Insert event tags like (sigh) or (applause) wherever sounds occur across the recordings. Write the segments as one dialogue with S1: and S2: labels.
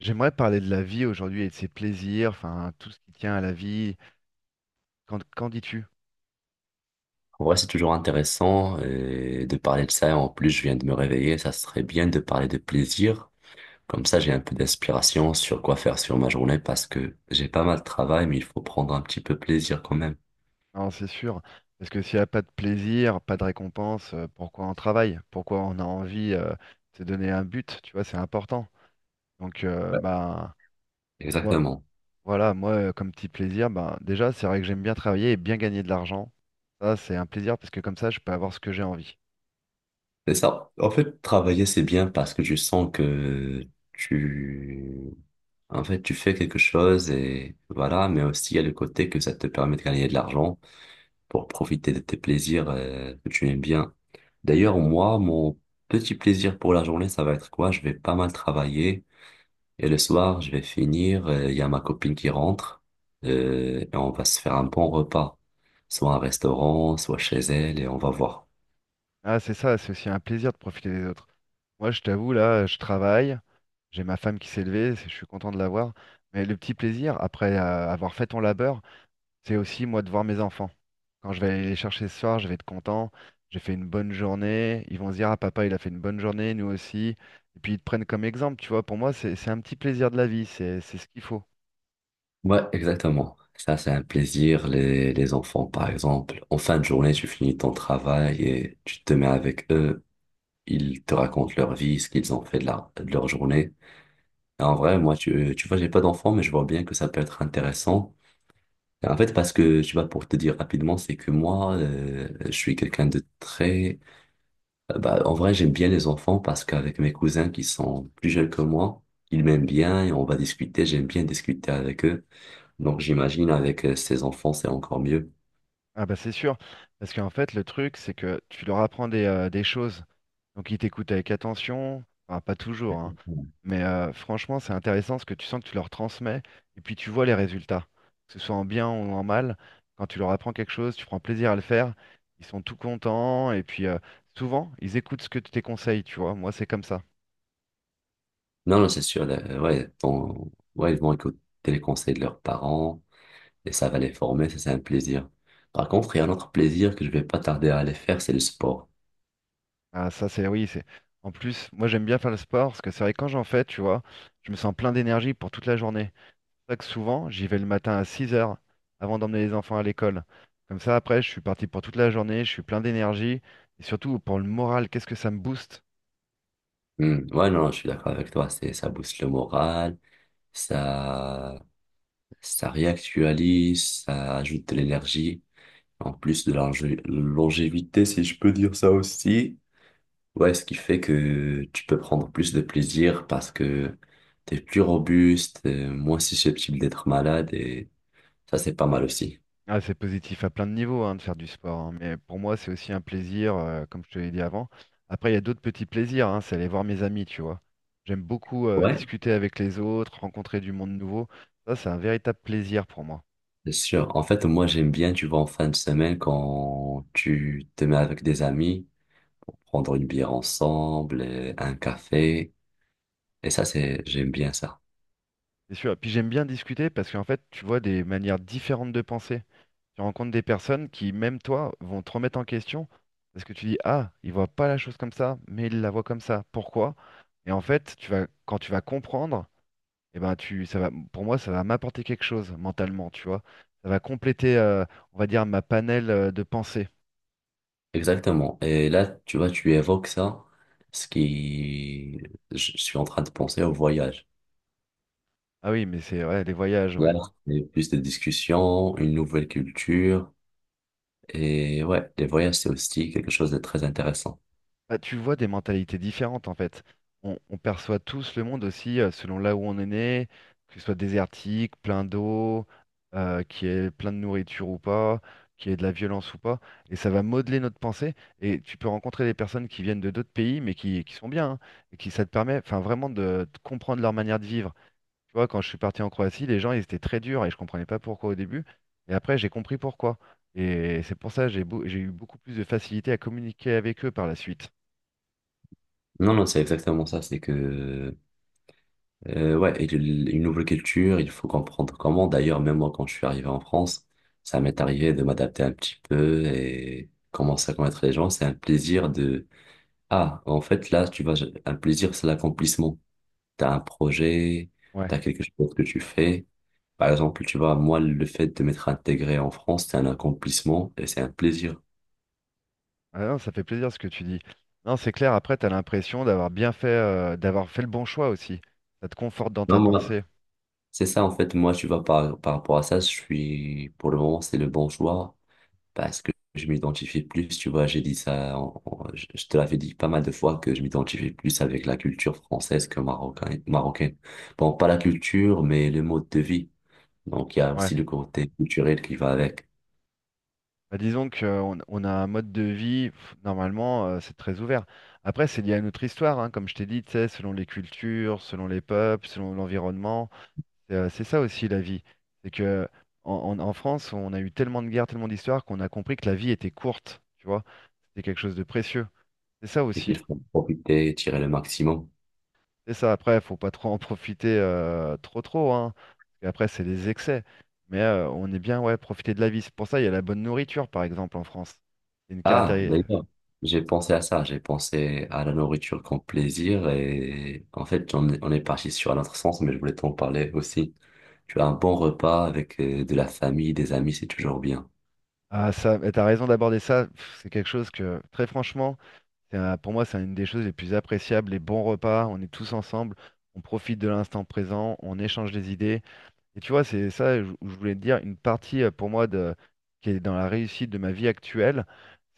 S1: J'aimerais parler de la vie aujourd'hui et de ses plaisirs, enfin tout ce qui tient à la vie. Qu'en dis-tu?
S2: En vrai, c'est toujours intéressant de parler de ça. En plus, je viens de me réveiller. Ça serait bien de parler de plaisir. Comme ça, j'ai un peu d'inspiration sur quoi faire sur ma journée parce que j'ai pas mal de travail, mais il faut prendre un petit peu plaisir quand même.
S1: Non, c'est sûr. Parce que s'il n'y a pas de plaisir, pas de récompense, pourquoi on travaille? Pourquoi on a envie de se donner un but, tu vois, c'est important. Donc
S2: Ouais,
S1: moi
S2: exactement.
S1: voilà, moi comme petit plaisir, bah, déjà c'est vrai que j'aime bien travailler et bien gagner de l'argent. Ça, c'est un plaisir parce que comme ça, je peux avoir ce que j'ai envie.
S2: C'est ça. En fait, travailler, c'est bien parce que je sens que tu, en fait, tu fais quelque chose et voilà, mais aussi il y a le côté que ça te permet de gagner de l'argent, pour profiter de tes plaisirs que tu aimes bien. D'ailleurs, moi, mon petit plaisir pour la journée, ça va être quoi? Je vais pas mal travailler et le soir, je vais finir. Il y a ma copine qui rentre, et on va se faire un bon repas, soit un restaurant, soit chez elle, et on va voir.
S1: Ah, c'est ça, c'est aussi un plaisir de profiter des autres. Moi, je t'avoue, là, je travaille. J'ai ma femme qui s'est levée, je suis content de la voir. Mais le petit plaisir, après avoir fait ton labeur, c'est aussi moi de voir mes enfants. Quand je vais aller les chercher ce soir, je vais être content. J'ai fait une bonne journée. Ils vont se dire, ah papa, il a fait une bonne journée, nous aussi. Et puis ils te prennent comme exemple, tu vois. Pour moi, c'est un petit plaisir de la vie, c'est ce qu'il faut.
S2: Ouais, exactement. Ça, c'est un plaisir. Les enfants, par exemple, en fin de journée, tu finis ton travail et tu te mets avec eux. Ils te racontent leur vie, ce qu'ils ont fait de, de leur journée. Et en vrai, moi, tu vois, j'ai pas d'enfant, mais je vois bien que ça peut être intéressant. En fait, parce que, tu vois, pour te dire rapidement, c'est que moi, je suis quelqu'un de très... Bah, en vrai, j'aime bien les enfants parce qu'avec mes cousins qui sont plus jeunes que moi, ils m'aiment bien et on va discuter. J'aime bien discuter avec eux. Donc, j'imagine avec ces enfants, c'est encore mieux.
S1: Ah bah c'est sûr, parce qu'en fait, le truc, c'est que tu leur apprends des choses. Donc ils t'écoutent avec attention, enfin pas toujours, hein. Mais franchement, c'est intéressant parce que tu sens que tu leur transmets et puis tu vois les résultats, que ce soit en bien ou en mal. Quand tu leur apprends quelque chose, tu prends plaisir à le faire, ils sont tout contents et puis souvent ils écoutent ce que tu tes conseils, tu vois. Moi, c'est comme ça.
S2: Non, non, c'est sûr. Là, ouais, ouais, ils vont écouter les conseils de leurs parents et ça va les former, ça c'est un plaisir. Par contre, il y a un autre plaisir que je vais pas tarder à aller faire, c'est le sport.
S1: Ah, ça, c'est oui, c'est. En plus, moi, j'aime bien faire le sport parce que c'est vrai que quand j'en fais, tu vois, je me sens plein d'énergie pour toute la journée. C'est pour ça que souvent, j'y vais le matin à 6 heures avant d'emmener les enfants à l'école. Comme ça, après, je suis parti pour toute la journée, je suis plein d'énergie. Et surtout, pour le moral, qu'est-ce que ça me booste?
S2: Hmm, ouais, non, je suis d'accord avec toi. C'est, ça booste le moral, ça, ça réactualise, ça ajoute de l'énergie, en plus de la longévité, si je peux dire ça aussi. Ouais, ce qui fait que tu peux prendre plus de plaisir parce que t'es plus robuste, moins susceptible d'être malade et ça, c'est pas mal aussi.
S1: Ah, c'est positif à plein de niveaux hein, de faire du sport. Hein, mais pour moi, c'est aussi un plaisir, comme je te l'ai dit avant. Après, il y a d'autres petits plaisirs. Hein, c'est aller voir mes amis, tu vois. J'aime beaucoup
S2: Ouais,
S1: discuter avec les autres, rencontrer du monde nouveau. Ça, c'est un véritable plaisir pour moi.
S2: c'est sûr. En fait, moi, j'aime bien, tu vois, en fin de semaine, quand tu te mets avec des amis pour prendre une bière ensemble, un café. Et ça, c'est, j'aime bien ça.
S1: C'est sûr. Et puis, j'aime bien discuter parce qu'en fait, tu vois des manières différentes de penser. Tu rencontres des personnes qui, même toi, vont te remettre en question parce que tu dis, ah, il voit pas la chose comme ça, mais il la voit comme ça. Pourquoi? Et en fait, tu vas, quand tu vas comprendre, eh ben, tu, ça va, pour moi, ça va m'apporter quelque chose mentalement, tu vois. Ça va compléter, on va dire, ma panel de pensée.
S2: Exactement. Et là, tu vois, tu évoques ça, ce qui, je suis en train de penser au voyage.
S1: Ah oui, mais c'est ouais, les voyages,
S2: Là,
S1: ouais.
S2: c'est plus de discussions, une nouvelle culture. Et ouais, les voyages, c'est aussi quelque chose de très intéressant.
S1: Bah, tu vois des mentalités différentes en fait. On perçoit tous le monde aussi selon là où on est né, que ce soit désertique, plein d'eau, qu'il y ait plein de nourriture ou pas, qu'il y ait de la violence ou pas. Et ça va modeler notre pensée. Et tu peux rencontrer des personnes qui viennent de d'autres pays mais qui sont bien. Hein, et qui ça te permet enfin, vraiment de comprendre leur manière de vivre. Tu vois, quand je suis parti en Croatie, les gens ils étaient très durs et je comprenais pas pourquoi au début. Et après j'ai compris pourquoi. Et c'est pour ça que j'ai eu beaucoup plus de facilité à communiquer avec eux par la suite.
S2: Non, non, c'est exactement ça. C'est que ouais, et une nouvelle culture, il faut comprendre comment. D'ailleurs, même moi, quand je suis arrivé en France, ça m'est arrivé de m'adapter un petit peu et commencer à connaître les gens. C'est un plaisir de... Ah, en fait, là, tu vas... Un plaisir, c'est l'accomplissement. T'as un projet,
S1: Ouais,
S2: t'as quelque chose que tu fais. Par exemple, tu vois, moi, le fait de m'être intégré en France, c'est un accomplissement et c'est un plaisir.
S1: ah non, ça fait plaisir ce que tu dis. Non, c'est clair, après, tu as l'impression d'avoir bien fait, d'avoir fait le bon choix aussi. Ça te conforte dans
S2: Non,
S1: ta
S2: moi,
S1: pensée.
S2: c'est ça, en fait, moi, tu vois, par rapport à ça, je suis... Pour le moment, c'est le bon choix, parce que je m'identifie plus, tu vois, j'ai dit ça, je te l'avais dit pas mal de fois que je m'identifie plus avec la culture française que marocaine. Bon, pas la culture, mais le mode de vie. Donc, il y a
S1: Ouais.
S2: aussi le côté culturel qui va avec
S1: Bah, disons qu'on on a un mode de vie, pff, normalement, c'est très ouvert. Après, c'est lié à notre histoire, hein, comme je t'ai dit, tu sais, selon les cultures, selon les peuples, selon l'environnement. C'est ça aussi la vie. C'est que en France, on a eu tellement de guerres, tellement d'histoires qu'on a compris que la vie était courte, tu vois. C'est quelque chose de précieux. C'est ça
S2: et qu'il
S1: aussi.
S2: faut profiter, tirer le maximum.
S1: C'est ça, après, faut pas trop en profiter trop, hein. Parce qu'après, c'est les excès. Mais on est bien, ouais, profiter de la vie. C'est pour ça, il y a la bonne nourriture, par exemple, en France. C'est une
S2: Ah,
S1: caractéristique.
S2: d'ailleurs, j'ai pensé à ça, j'ai pensé à la nourriture comme plaisir et en fait, on est parti sur un autre sens, mais je voulais t'en parler aussi. Tu as un bon repas avec de la famille, des amis, c'est toujours bien.
S1: Ah, ça, mais t'as raison d'aborder ça. Pff, c'est quelque chose que, très franchement, pour moi, c'est une des choses les plus appréciables. Les bons repas, on est tous ensemble, on profite de l'instant présent, on échange des idées. Et tu vois, c'est ça où je voulais te dire, une partie pour moi de, qui est dans la réussite de ma vie actuelle,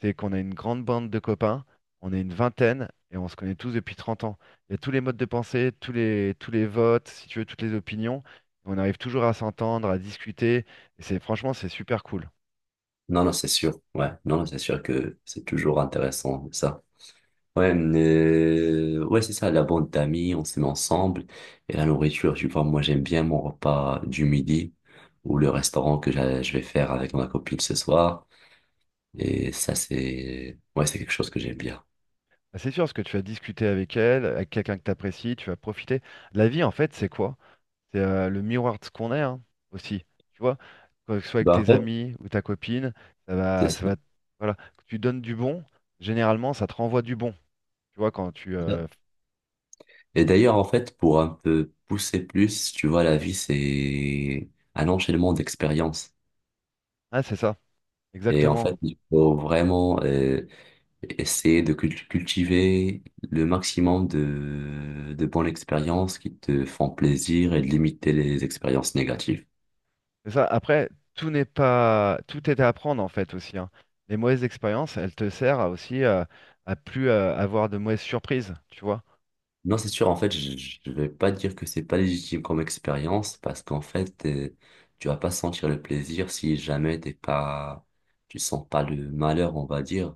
S1: c'est qu'on a une grande bande de copains, on est une vingtaine et on se connaît tous depuis 30 ans. Il y a tous les modes de pensée, tous les votes, si tu veux, toutes les opinions. On arrive toujours à s'entendre, à discuter. Et c'est franchement, c'est super cool.
S2: Non, non, c'est sûr. Ouais, non, non, c'est sûr que c'est toujours intéressant, ça. Ouais, mais... ouais, c'est ça, la bande d'amis, on se met ensemble. Et la nourriture, tu vois, moi, j'aime bien mon repas du midi ou le restaurant que je vais faire avec ma copine ce soir. Et ça, c'est, ouais, c'est quelque chose que j'aime bien.
S1: Bah, c'est sûr, ce que tu vas discuter avec elle, avec quelqu'un que tu apprécies, tu vas profiter. La vie, en fait, c'est quoi? C'est le miroir de ce qu'on est hein, aussi. Tu vois, que ce soit avec
S2: Bah, en
S1: tes
S2: fait,
S1: amis ou ta copine, ça
S2: c'est
S1: va, ça
S2: ça.
S1: va, voilà, que tu donnes du bon, généralement, ça te renvoie du bon. Tu vois, quand tu,
S2: C'est ça. Et d'ailleurs, en fait, pour un peu pousser plus, tu vois, la vie, c'est un enchaînement d'expériences.
S1: ah, c'est ça,
S2: Et en fait,
S1: exactement.
S2: il faut vraiment, essayer de cultiver le maximum de bonnes expériences qui te font plaisir et de limiter les expériences négatives.
S1: C'est ça. Après, tout n'est pas, tout est à apprendre en fait aussi. Hein. Les mauvaises expériences, elles te servent à aussi à plus avoir de mauvaises surprises. Tu vois,
S2: Non, c'est sûr, en fait, je ne vais pas dire que c'est pas légitime comme expérience parce qu'en fait, tu vas pas sentir le plaisir si jamais t'es pas, tu sens pas le malheur, on va dire.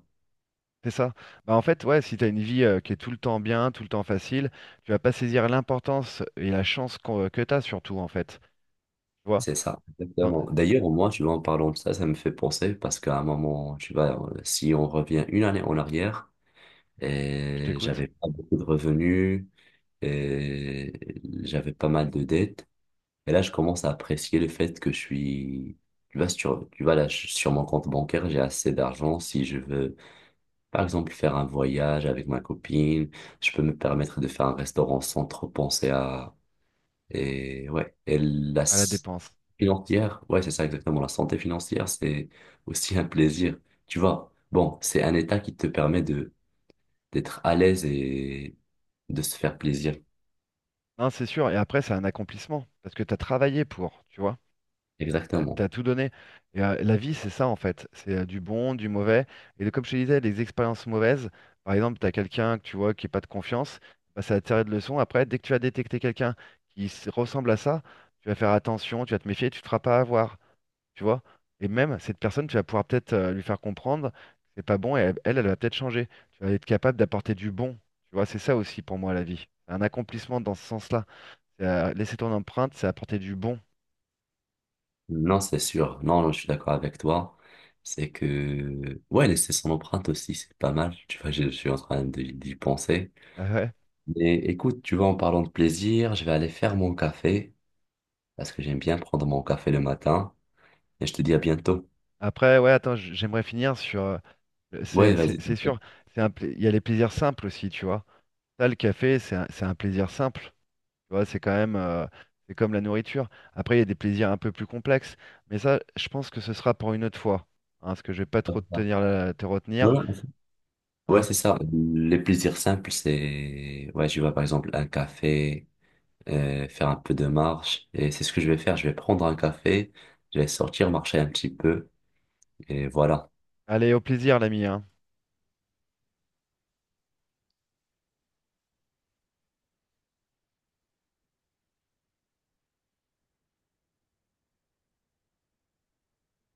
S1: c'est ça. Bah en fait, ouais, si t'as une vie qui est tout le temps bien, tout le temps facile, tu vas pas saisir l'importance et la chance que t'as surtout en fait. Tu vois
S2: C'est ça,
S1: attends,
S2: exactement. D'ailleurs, moi, tu vois, en parlant de ça, ça me fait penser parce qu'à un moment, tu vois, si on revient une année en arrière,
S1: je
S2: et
S1: t'écoute.
S2: j'avais pas beaucoup de revenus, et j'avais pas mal de dettes. Et là, je commence à apprécier le fait que je suis, tu vois, là, sur mon compte bancaire, j'ai assez d'argent si je veux, par exemple, faire un voyage avec ma copine. Je peux me permettre de faire un restaurant sans trop penser à, et ouais, et la
S1: À la dépense.
S2: financière, ouais, c'est ça exactement. La santé financière, c'est aussi un plaisir. Tu vois, bon, c'est un état qui te permet d'être à l'aise et de se faire plaisir.
S1: Non, c'est sûr. Et après, c'est un accomplissement. Parce que tu as travaillé pour, tu vois. Tu
S2: Exactement.
S1: as, tout donné. Et la vie, c'est ça, en fait. C'est du bon, du mauvais. Comme je te disais, les expériences mauvaises, par exemple, tu as quelqu'un que tu vois qui n'a pas de confiance, bah, ça va te servir de leçon. Après, dès que tu vas détecter quelqu'un ressemble à ça, tu vas faire attention, tu vas te méfier, tu ne te feras pas avoir. Tu vois. Et même cette personne, tu vas pouvoir peut-être lui faire comprendre que c'est pas bon et elle, elle va peut-être changer. Tu vas être capable d'apporter du bon, tu vois. C'est ça aussi pour moi la vie. C'est un accomplissement dans ce sens-là. C'est, laisser ton empreinte, c'est apporter du bon.
S2: Non, c'est sûr. Non, je suis d'accord avec toi. C'est que, ouais, laisser son empreinte aussi, c'est pas mal. Tu vois, je suis en train d'y penser.
S1: (laughs) Ah ouais.
S2: Mais écoute, tu vois, en parlant de plaisir, je vais aller faire mon café parce que j'aime bien prendre mon café le matin. Et je te dis à bientôt.
S1: Après, ouais, attends, j'aimerais finir sur.
S2: Ouais, vas-y.
S1: C'est sûr, il y a les plaisirs simples aussi, tu vois. Ça, le café, c'est un plaisir simple. Tu vois, c'est quand même, c'est comme la nourriture. Après, il y a des plaisirs un peu plus complexes, mais ça, je pense que ce sera pour une autre fois, hein, parce que je vais pas trop te tenir, te retenir,
S2: Ouais, ouais,
S1: hein.
S2: c'est ça. Les plaisirs simples, c'est, ouais, je vois par exemple un café, faire un peu de marche. Et c'est ce que je vais faire. Je vais prendre un café, je vais sortir, marcher un petit peu. Et voilà.
S1: Allez, au plaisir, l'ami, hein.